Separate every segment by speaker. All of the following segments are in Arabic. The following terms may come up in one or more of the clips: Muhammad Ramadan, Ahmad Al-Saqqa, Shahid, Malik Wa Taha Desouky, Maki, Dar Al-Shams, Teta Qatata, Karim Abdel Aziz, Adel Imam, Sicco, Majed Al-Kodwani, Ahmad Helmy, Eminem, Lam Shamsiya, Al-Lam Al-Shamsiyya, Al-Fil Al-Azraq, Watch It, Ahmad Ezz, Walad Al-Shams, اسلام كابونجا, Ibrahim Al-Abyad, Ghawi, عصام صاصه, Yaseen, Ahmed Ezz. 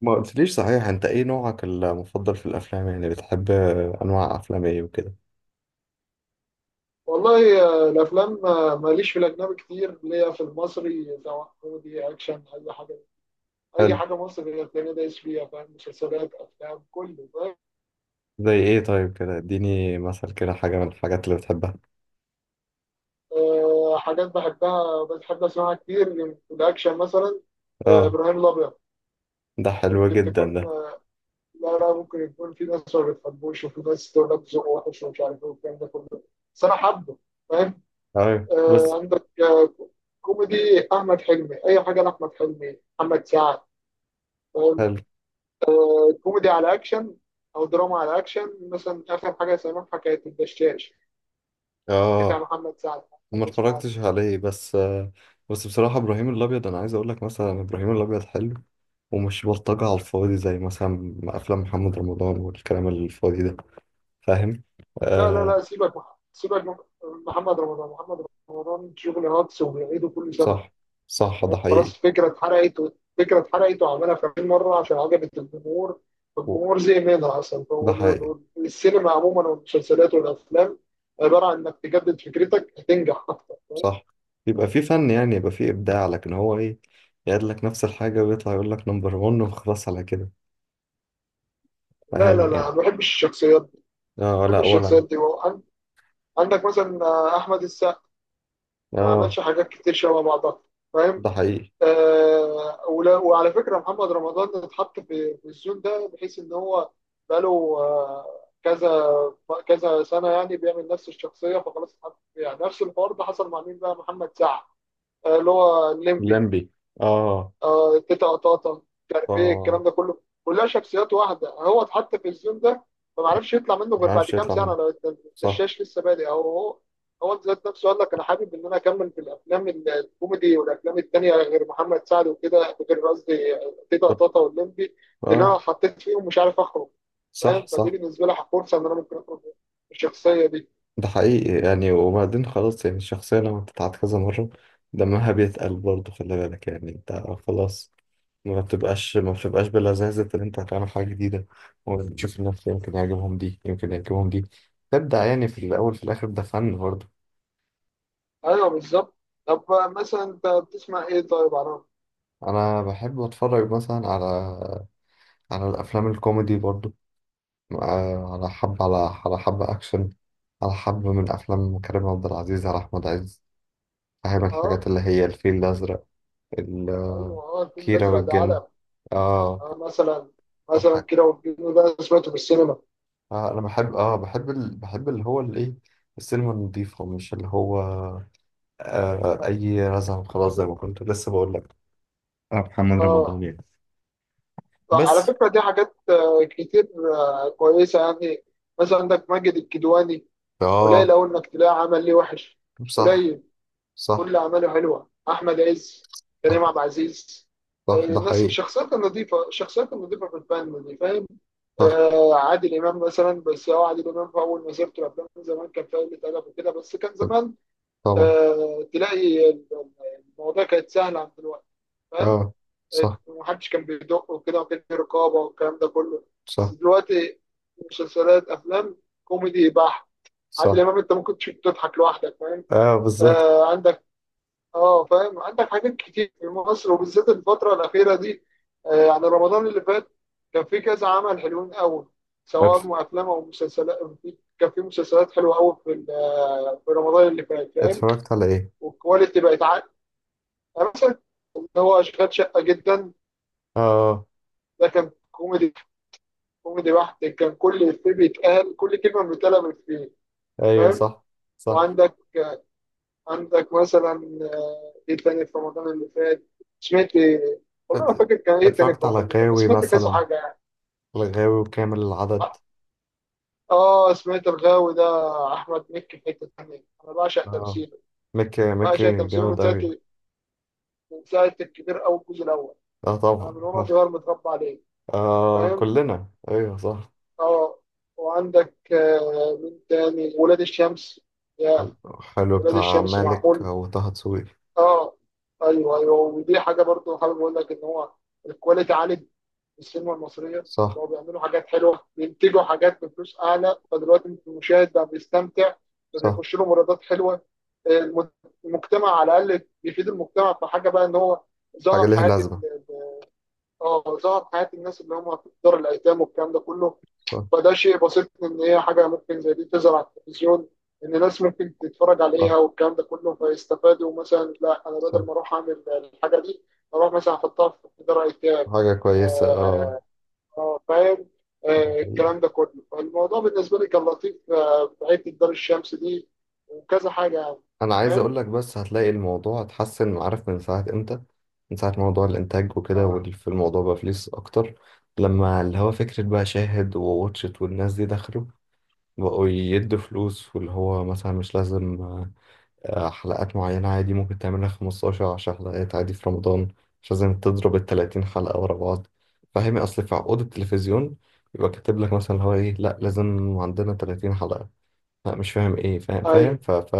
Speaker 1: ما قلتليش، صحيح، انت ايه نوعك المفضل في الافلام؟ يعني بتحب انواع افلام ايه وكده؟
Speaker 2: والله الافلام ماليش في الاجنبي كتير ليا في المصري، سواء كوميدي اكشن اي حاجه. اي
Speaker 1: حلو.
Speaker 2: حاجه مصري هتلاقيني دايس فيها، فاهم؟ مسلسلات افلام كله، فاهم؟
Speaker 1: زي ايه طيب؟ كده اديني مثل كده حاجه من الحاجات اللي بتحبها.
Speaker 2: حاجات بحبها بحب اسمعها كتير، في الاكشن مثلا
Speaker 1: اه،
Speaker 2: ابراهيم الابيض.
Speaker 1: ده حلو
Speaker 2: يمكن
Speaker 1: جدا ده.
Speaker 2: تكون لا لا، ممكن يكون في ناس ما بتحبوش وفي ناس تقول لك ذوقه وحش ومش عارف ايه والكلام ده كله، بس انا حابه، فاهم؟
Speaker 1: ايوه،
Speaker 2: آه،
Speaker 1: بس.
Speaker 2: عندك آه، كوميدي، احمد حلمي، اي حاجه لاحمد حلمي، محمد سعد.
Speaker 1: حلو.
Speaker 2: كوميدي على اكشن او دراما على اكشن، مثلا اخر حاجه سامعها كانت الدشاش، بتاع
Speaker 1: اه،
Speaker 2: محمد سعد.
Speaker 1: ما
Speaker 2: تسمع عنه؟
Speaker 1: اتفرجتش عليه، بس بس بصراحه، ابراهيم الابيض، انا عايز اقول لك مثلا ابراهيم الابيض حلو. ومش بلطجه على الفاضي، زي مثلا افلام محمد رمضان والكلام الفاضي ده، فاهم؟
Speaker 2: لا لا
Speaker 1: آه،
Speaker 2: لا، سيبك سيبك من محمد رمضان. محمد رمضان شغل هاكس وبيعيده كل سنه،
Speaker 1: صح، صح، ده
Speaker 2: فاهم؟
Speaker 1: حقيقي.
Speaker 2: خلاص فكره اتحرقت فكره اتحرقت وعملها 50 مره عشان عجبت الجمهور.
Speaker 1: و-
Speaker 2: الجمهور زهق منها اصلا،
Speaker 1: ده حقيقي.
Speaker 2: والسينما عموما والمسلسلات والافلام عباره عن انك تجدد فكرتك هتنجح اكتر، فاهم؟
Speaker 1: صح، يبقى في فن، يعني يبقى في إبداع، لكن هو إيه؟ يعد لك نفس الحاجة ويطلع يقول لك نمبر 1 وخلاص على كده.
Speaker 2: لا لا
Speaker 1: فاهم
Speaker 2: لا،
Speaker 1: يعني.
Speaker 2: ما بحبش الشخصيات دي،
Speaker 1: آه،
Speaker 2: ما
Speaker 1: لا
Speaker 2: بحبش
Speaker 1: ولا.
Speaker 2: الشخصيات دي. عندك مثلا احمد السقا، ما
Speaker 1: آه،
Speaker 2: عملش حاجات كتير شبه بعضها، فاهم؟
Speaker 1: ده حقيقي.
Speaker 2: ولا، وعلى فكره محمد رمضان اتحط في الزون ده، بحيث ان هو بقاله كذا كذا سنه يعني بيعمل نفس الشخصيه. فخلاص اتحط فيها نفس الحوار. ده حصل مع مين بقى؟ محمد سعد، اللي هو الليمبي،
Speaker 1: لمبي. آه.
Speaker 2: تيتا قطاطا، مش عارف ايه
Speaker 1: آه،
Speaker 2: الكلام ده كله، كلها شخصيات واحده. هو اتحط في الزون ده فما عرفش يطلع منه غير
Speaker 1: ما
Speaker 2: بعد
Speaker 1: عرفش
Speaker 2: كام
Speaker 1: يطلع
Speaker 2: سنه،
Speaker 1: منه.
Speaker 2: لو
Speaker 1: صح.
Speaker 2: الدشاش لسه بادئ. او هو هو ذات نفسه قال لك انا حابب ان انا اكمل في الافلام الكوميدي والافلام التانيه، غير محمد سعد وكده، غير قصدي تيتا قطاطا واللمبي، لان
Speaker 1: آه،
Speaker 2: انا حطيت فيهم مش عارف اخرج.
Speaker 1: صح،
Speaker 2: فاهم؟ فدي
Speaker 1: صح،
Speaker 2: بالنسبه لي فرصه ان انا ممكن اخرج من الشخصيه دي.
Speaker 1: ده حقيقي. يعني وبعدين خلاص، يعني الشخصية لما بتتعاد كذا مرة، دمها بيتقل برضه، خلي بالك يعني. أنت خلاص. ما بتبقاش بلذاذة إن أنت هتعمل حاجة جديدة، وتشوف الناس، يمكن يعجبهم دي، يمكن يعجبهم دي. تبدع يعني، في الأول في الآخر ده فن برضه.
Speaker 2: ايوه بالظبط. طب مثلا انت بتسمع ايه طيب عرام؟
Speaker 1: أنا بحب أتفرج مثلا على الأفلام الكوميدي برضه. آه، على حب على على حب أكشن، على حب من أفلام كريم عبد العزيز، على أحمد عز. فاهم،
Speaker 2: اه
Speaker 1: الحاجات اللي هي الفيل الأزرق، ال-
Speaker 2: ايوه، اه الفيل
Speaker 1: كيرة
Speaker 2: الازرق ده
Speaker 1: والجن.
Speaker 2: علق.
Speaker 1: اه.
Speaker 2: اه مثلا، مثلا
Speaker 1: الحاج.
Speaker 2: كده، والجن ده سمعته في السينما.
Speaker 1: انا بحب اه بحب ال... بحب اللي هو الايه، السينما النظيفة، مش اللي هو اي رزعه. خلاص، زي ما كنت لسه بقول لك، محمد
Speaker 2: اه
Speaker 1: رمضان يعني.
Speaker 2: على
Speaker 1: بس.
Speaker 2: فكرة دي حاجات كتير، كويسة يعني. مثلا عندك ماجد الكدواني، قليل
Speaker 1: اه،
Speaker 2: أوي إنك تلاقي عمل ليه وحش،
Speaker 1: صح،
Speaker 2: قليل. كل
Speaker 1: صح،
Speaker 2: أعماله حلوة. أحمد عز، كريم عبد
Speaker 1: صح،
Speaker 2: العزيز.
Speaker 1: صح، ده
Speaker 2: الناس،
Speaker 1: حقيقي.
Speaker 2: الشخصيات النظيفة، الشخصيات النظيفة في الفن دي، فاهم؟
Speaker 1: صح.
Speaker 2: عادل إمام مثلا. بس هو عادل إمام في أول مسيرته الأفلام زمان كان فيها قلة أدب وكده، بس كان زمان.
Speaker 1: طبعا.
Speaker 2: تلاقي المواضيع كانت سهلة عن دلوقتي، فاهم؟
Speaker 1: اه، صح،
Speaker 2: محدش كان بيدق وكده، وكان في رقابه والكلام ده كله. بس
Speaker 1: صح،
Speaker 2: دلوقتي مسلسلات، افلام، كوميدي بحت. عادل
Speaker 1: صح.
Speaker 2: امام انت ممكن تشوف تضحك لوحدك، فاهم؟
Speaker 1: اه، بالظبط.
Speaker 2: عندك، اه فاهم، عندك حاجات كتير في مصر، وبالذات الفتره الاخيره دي. يعني رمضان اللي فات كان في كذا عمل حلوين قوي، سواء
Speaker 1: اتف-
Speaker 2: افلام او مسلسلات. كان في مسلسلات حلوه قوي في في رمضان اللي فات، فاهم؟
Speaker 1: اتفرجت على ايه؟
Speaker 2: والكواليتي بقت عاليه، يعني مثلا هو اشغال شقه جدا.
Speaker 1: اه،
Speaker 2: ده كان كوميدي، كوميدي بحت، كان كل إفيه بيتقال، كل كلمة بتتقال من إفيه،
Speaker 1: ايوه،
Speaker 2: فاهم؟
Speaker 1: صح، صح.
Speaker 2: وعندك، عندك مثلا إيه تاني في رمضان اللي فات؟ سمعت إيه؟ والله ما
Speaker 1: ات-
Speaker 2: فاكر كان إيه تاني في
Speaker 1: اتفرجت
Speaker 2: رمضان
Speaker 1: على
Speaker 2: اللي فات، بس
Speaker 1: غاوي
Speaker 2: سمعت كذا
Speaker 1: مثلا،
Speaker 2: حاجة يعني.
Speaker 1: الغاوي وكامل العدد.
Speaker 2: آه سمعت الغاوي ده، أحمد مكي في حتة تانية، أنا بعشق
Speaker 1: اه،
Speaker 2: تمثيله.
Speaker 1: مكي،
Speaker 2: بعشق
Speaker 1: مكي
Speaker 2: تمثيله من
Speaker 1: جامد
Speaker 2: ساعة،
Speaker 1: اوي.
Speaker 2: الكبير، أو الجزء الأول.
Speaker 1: اه
Speaker 2: أنا
Speaker 1: طبعا.
Speaker 2: من وأنا صغير متربى عليه،
Speaker 1: اه،
Speaker 2: فاهم؟
Speaker 1: كلنا. ايوه، صح.
Speaker 2: آه وعندك مين تاني؟ ولاد الشمس، يا
Speaker 1: حلو،
Speaker 2: ولاد
Speaker 1: بتاع
Speaker 2: الشمس،
Speaker 1: مالك
Speaker 2: معمول.
Speaker 1: وطه دسوقي.
Speaker 2: اه ايوه ايوه، ودي حاجه برضو حابب اقول لك ان هو الكواليتي عالي في السينما المصريه.
Speaker 1: صح،
Speaker 2: بقوا بيعملوا حاجات حلوه، بينتجوا حاجات بفلوس اعلى، فدلوقتي المشاهد بقى بيستمتع،
Speaker 1: صح.
Speaker 2: فبيخش له مراودات حلوه. الم- المجتمع على الاقل، بيفيد المجتمع في حاجه بقى، ان هو
Speaker 1: حاجة
Speaker 2: ظهر
Speaker 1: ليها
Speaker 2: حياه
Speaker 1: لازمة.
Speaker 2: اه ظهر حياه الناس اللي هم في دار الايتام والكلام ده كله.
Speaker 1: صح،
Speaker 2: فده شيء بسيط، ان هي حاجه ممكن زي دي تظهر على التلفزيون، ان ناس ممكن تتفرج عليها
Speaker 1: صح،
Speaker 2: والكلام ده كله فيستفادوا. مثلا لا انا بدل
Speaker 1: صح.
Speaker 2: ما اروح اعمل الحاجه دي، اروح مثلا احطها في دار ايتام.
Speaker 1: حاجة كويسة. اه،
Speaker 2: آه، فاهم؟
Speaker 1: ده حقيقي.
Speaker 2: الكلام ده كله، فالموضوع بالنسبه لي كان لطيف في حته دار الشمس دي، وكذا حاجه يعني،
Speaker 1: أنا عايز
Speaker 2: فاهم؟
Speaker 1: أقول لك، بس هتلاقي الموضوع اتحسن، عارف من ساعة إمتى؟ من ساعة موضوع الإنتاج وكده،
Speaker 2: اه
Speaker 1: والف الموضوع بقى فلوس أكتر. لما اللي هو فكرة بقى شاهد وواتشت والناس دي دخلوا، بقوا يدوا فلوس، واللي هو مثلا مش لازم حلقات معينة، عادي ممكن تعملها 15 10 حلقات عادي في رمضان. مش لازم تضرب ال 30 حلقة ورا بعض. فاهمي؟ أصل في عقود التلفزيون يبقى كاتب لك مثلا اللي هو إيه، لأ لازم عندنا 30 حلقة. لأ، مش فاهم إيه. فاهم، فاهم
Speaker 2: ايوه
Speaker 1: ف ف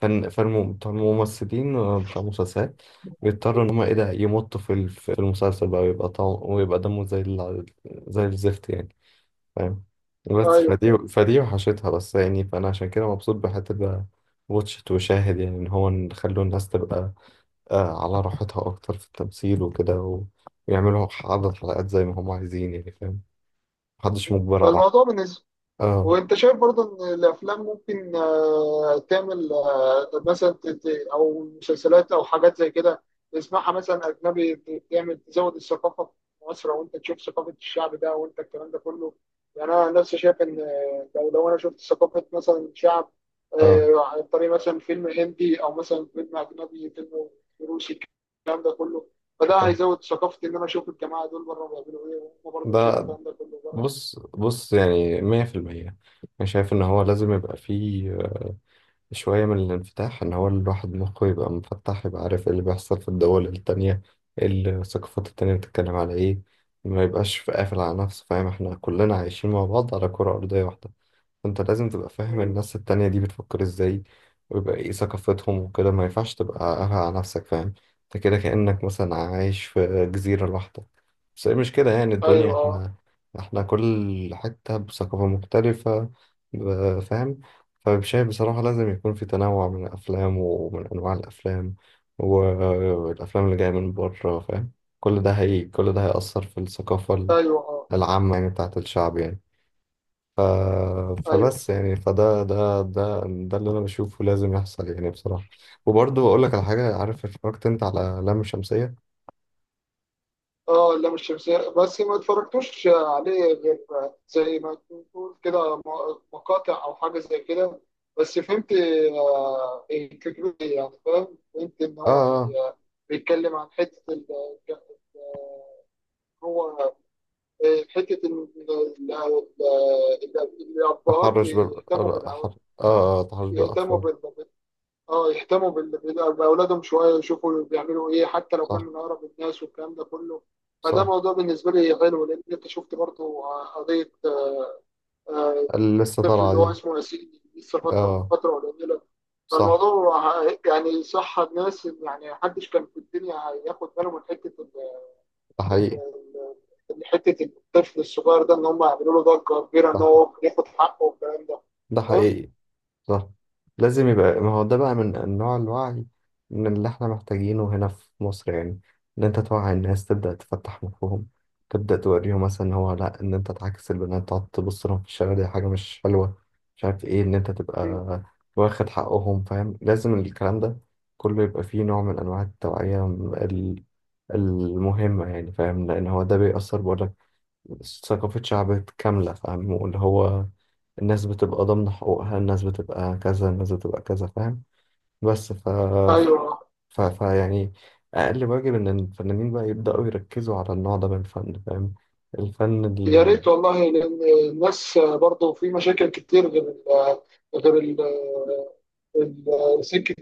Speaker 1: فن، بتوع الممثلين، بتوع المسلسلات، بيضطروا إن هما إيه ده، يمطوا في المسلسل بقى، ويبقى طعم، ويبقى دمه زي الزفت يعني. فاهم. بس
Speaker 2: ايوه،
Speaker 1: فدي وحشتها بس يعني، فأنا عشان كده مبسوط بحتة بقى واتشت وشاهد، يعني إن هو نخلوا الناس تبقى على راحتها أكتر في التمثيل وكده، ويعملوا عدد حلقات زي ما هم عايزين يعني، فاهم. محدش مجبر على.
Speaker 2: فالموضوع بالنسبه.
Speaker 1: اه،
Speaker 2: وانت شايف برضه ان الافلام ممكن تعمل مثلا او مسلسلات او حاجات زي كده، تسمعها مثلا اجنبي تعمل تزود الثقافه في مصر، او انت تشوف ثقافه الشعب ده وانت الكلام ده كله. يعني انا نفسي شايف ان لو انا شفت ثقافه مثلا شعب
Speaker 1: اه،
Speaker 2: عن طريق مثلا فيلم هندي او مثلا فيلم اجنبي، فيلم روسي، الكلام ده كله. فده
Speaker 1: اه.
Speaker 2: هيزود ثقافتي ان انا اشوف الجماعه دول بره بيعملوا ايه، وهم برضه نشوف
Speaker 1: ده.
Speaker 2: الكلام ده كله بره.
Speaker 1: بص، بص، يعني مية في المية، أنا شايف إن هو لازم يبقى فيه شوية من الانفتاح، إن هو الواحد مخه يبقى منفتح، يبقى عارف إيه اللي بيحصل في الدول التانية، إيه الثقافات التانية بتتكلم على إيه. ما يبقاش قافل على نفسه، فاهم؟ إحنا كلنا عايشين مع بعض على كرة أرضية واحدة، فانت لازم تبقى فاهم
Speaker 2: مم.
Speaker 1: الناس التانية دي بتفكر ازاي، ويبقى ايه ثقافتهم وكده. ما ينفعش تبقى قافل على نفسك، فاهم؟ انت كده كأنك مثلا عايش في جزيرة لوحدك، بس هي مش كده يعني الدنيا.
Speaker 2: ايوه
Speaker 1: احنا كل حتة بثقافة مختلفة، فاهم. فشايف بصراحة لازم يكون في تنوع من الأفلام ومن أنواع الأفلام والأفلام اللي جاية من بره، فاهم. كل ده هيأثر في الثقافة
Speaker 2: ايوه، اه
Speaker 1: العامة يعني، بتاعت الشعب يعني. ف...
Speaker 2: ايوه،
Speaker 1: فبس يعني، فده ده ده ده اللي انا بشوفه لازم يحصل يعني، بصراحة. وبرضه اقول لك على حاجة. عارف، اتفرجت انت على لام شمسية؟
Speaker 2: اه اللام الشمسية بس ما اتفرجتوش عليه غير زي ما تقول كده، مقاطع او حاجة زي كده. بس فهمت الفكرة دي يعني، فاهم؟ فهمت ان هو
Speaker 1: اه،
Speaker 2: بيتكلم عن حتة ال- هو آه، حتة إن ال- ال-
Speaker 1: اه،
Speaker 2: الأبهات
Speaker 1: تحرش بال
Speaker 2: يهتموا
Speaker 1: اه
Speaker 2: بالأولاد.
Speaker 1: أحر- آه، آه، تحرش
Speaker 2: يهتموا،
Speaker 1: بالاطفال.
Speaker 2: اه يهتموا باولادهم شويه، يشوفوا بيعملوا ايه، حتى لو
Speaker 1: صح،
Speaker 2: كانوا من اقرب الناس والكلام ده كله. فده
Speaker 1: صح.
Speaker 2: موضوع بالنسبه لي حلو، لان انت شفت برضه قضيه آه،
Speaker 1: اللي لسه
Speaker 2: الطفل
Speaker 1: طالعة
Speaker 2: اللي هو
Speaker 1: دي.
Speaker 2: اسمه ياسين، لسه فتره من
Speaker 1: اه،
Speaker 2: فتره قليله.
Speaker 1: صح،
Speaker 2: فالموضوع يعني صح، الناس يعني محدش كان في الدنيا هياخد باله من حته
Speaker 1: ده حقيقي.
Speaker 2: ال- حته الطفل الصغير ده، ان هم يعملوا له ضجه كبيره
Speaker 1: ده
Speaker 2: ان
Speaker 1: ح-
Speaker 2: هو ياخد حقه والكلام ده،
Speaker 1: ده
Speaker 2: فاهم؟
Speaker 1: حقيقي. صح. لازم يبقى، ما هو ده بقى من انواع الوعي، من اللي احنا محتاجينه هنا في مصر يعني. ان انت توعي الناس، تبدأ تفتح مخهم، تبدأ توريهم مثلا إن هو لا، ان انت تعاكس البنات تقعد تبص لهم في الشارع، دي حاجة مش حلوة. مش عارف ايه، ان انت
Speaker 2: مم.
Speaker 1: تبقى واخد حقهم. فاهم، لازم الكلام ده كله يبقى فيه نوع من انواع التوعية ال- المهمة يعني، فاهم. لان هو ده بيأثر، بقولك، ثقافة شعب كاملة، فاهم. واللي هو الناس بتبقى ضامنة حقوقها، الناس بتبقى كذا، الناس بتبقى كذا، فاهم. بس. ف...
Speaker 2: ايوه،
Speaker 1: ف... ف يعني أقل واجب إن الفنانين بقى يبدأوا يركزوا على النوع ده من الفن، فاهم. الفن
Speaker 2: يا ريت والله، لان الناس برضه في مشاكل كتير غير ال غير ال سكه،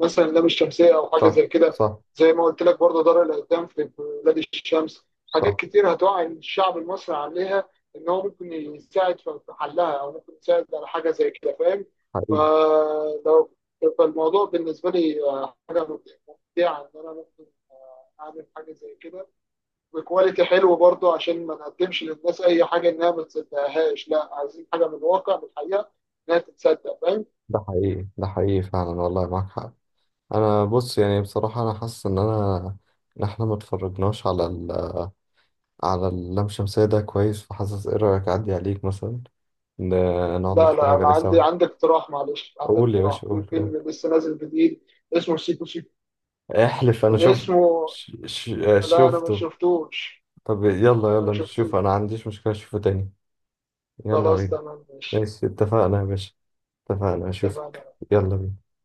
Speaker 2: مثلا اللام الشمسيه او حاجه زي
Speaker 1: صح،
Speaker 2: كده.
Speaker 1: صح،
Speaker 2: زي ما قلت لك برضه دار الايتام في بلاد الشمس. حاجات
Speaker 1: صح،
Speaker 2: كتير هتوعي الشعب المصري عليها، ان هو ممكن يساعد في حلها او ممكن يساعد على حاجه زي كده، فاهم؟
Speaker 1: حقيقي،
Speaker 2: فلو فالموضوع بالنسبه لي حاجه ممتعه، ان انا ممكن اعمل حاجه زي كده بكواليتي حلو برضو، عشان ما نقدمش للناس اي حاجه انها ما تصدقهاش. لا، عايزين حاجه من الواقع، من الحقيقه، انها تتصدق، فاهم؟
Speaker 1: ده حقيقي، ده حقيقي فعلا، والله معاك حق. أنا بص، يعني بصراحة أنا حاسس إن أنا إن إحنا ما اتفرجناش على على اللام شمسية ده كويس. فحاسس إيه رأيك، أعدي عليك مثلا نقعد
Speaker 2: لا لا
Speaker 1: نتفرج
Speaker 2: انا
Speaker 1: عليه سوا.
Speaker 2: عندي اقتراح، معلش عندي
Speaker 1: قول يا
Speaker 2: اقتراح
Speaker 1: باشا،
Speaker 2: في
Speaker 1: قول، قول.
Speaker 2: فيلم لسه نازل جديد اسمه سيكو سيكو.
Speaker 1: احلف، انا
Speaker 2: من
Speaker 1: شفت.
Speaker 2: اسمه؟
Speaker 1: ش... ش... آه،
Speaker 2: لا انا ما
Speaker 1: شفته.
Speaker 2: شفتوش،
Speaker 1: طب يلا،
Speaker 2: انا ما
Speaker 1: يلا
Speaker 2: شفتوش.
Speaker 1: نشوف. انا ما عنديش مشكلة، اشوفه تاني. يلا
Speaker 2: خلاص
Speaker 1: بينا.
Speaker 2: تمام، ماشي،
Speaker 1: ماشي، اتفقنا يا باشا. اتفقنا، اشوفك.
Speaker 2: اتفقنا.
Speaker 1: يلا بينا.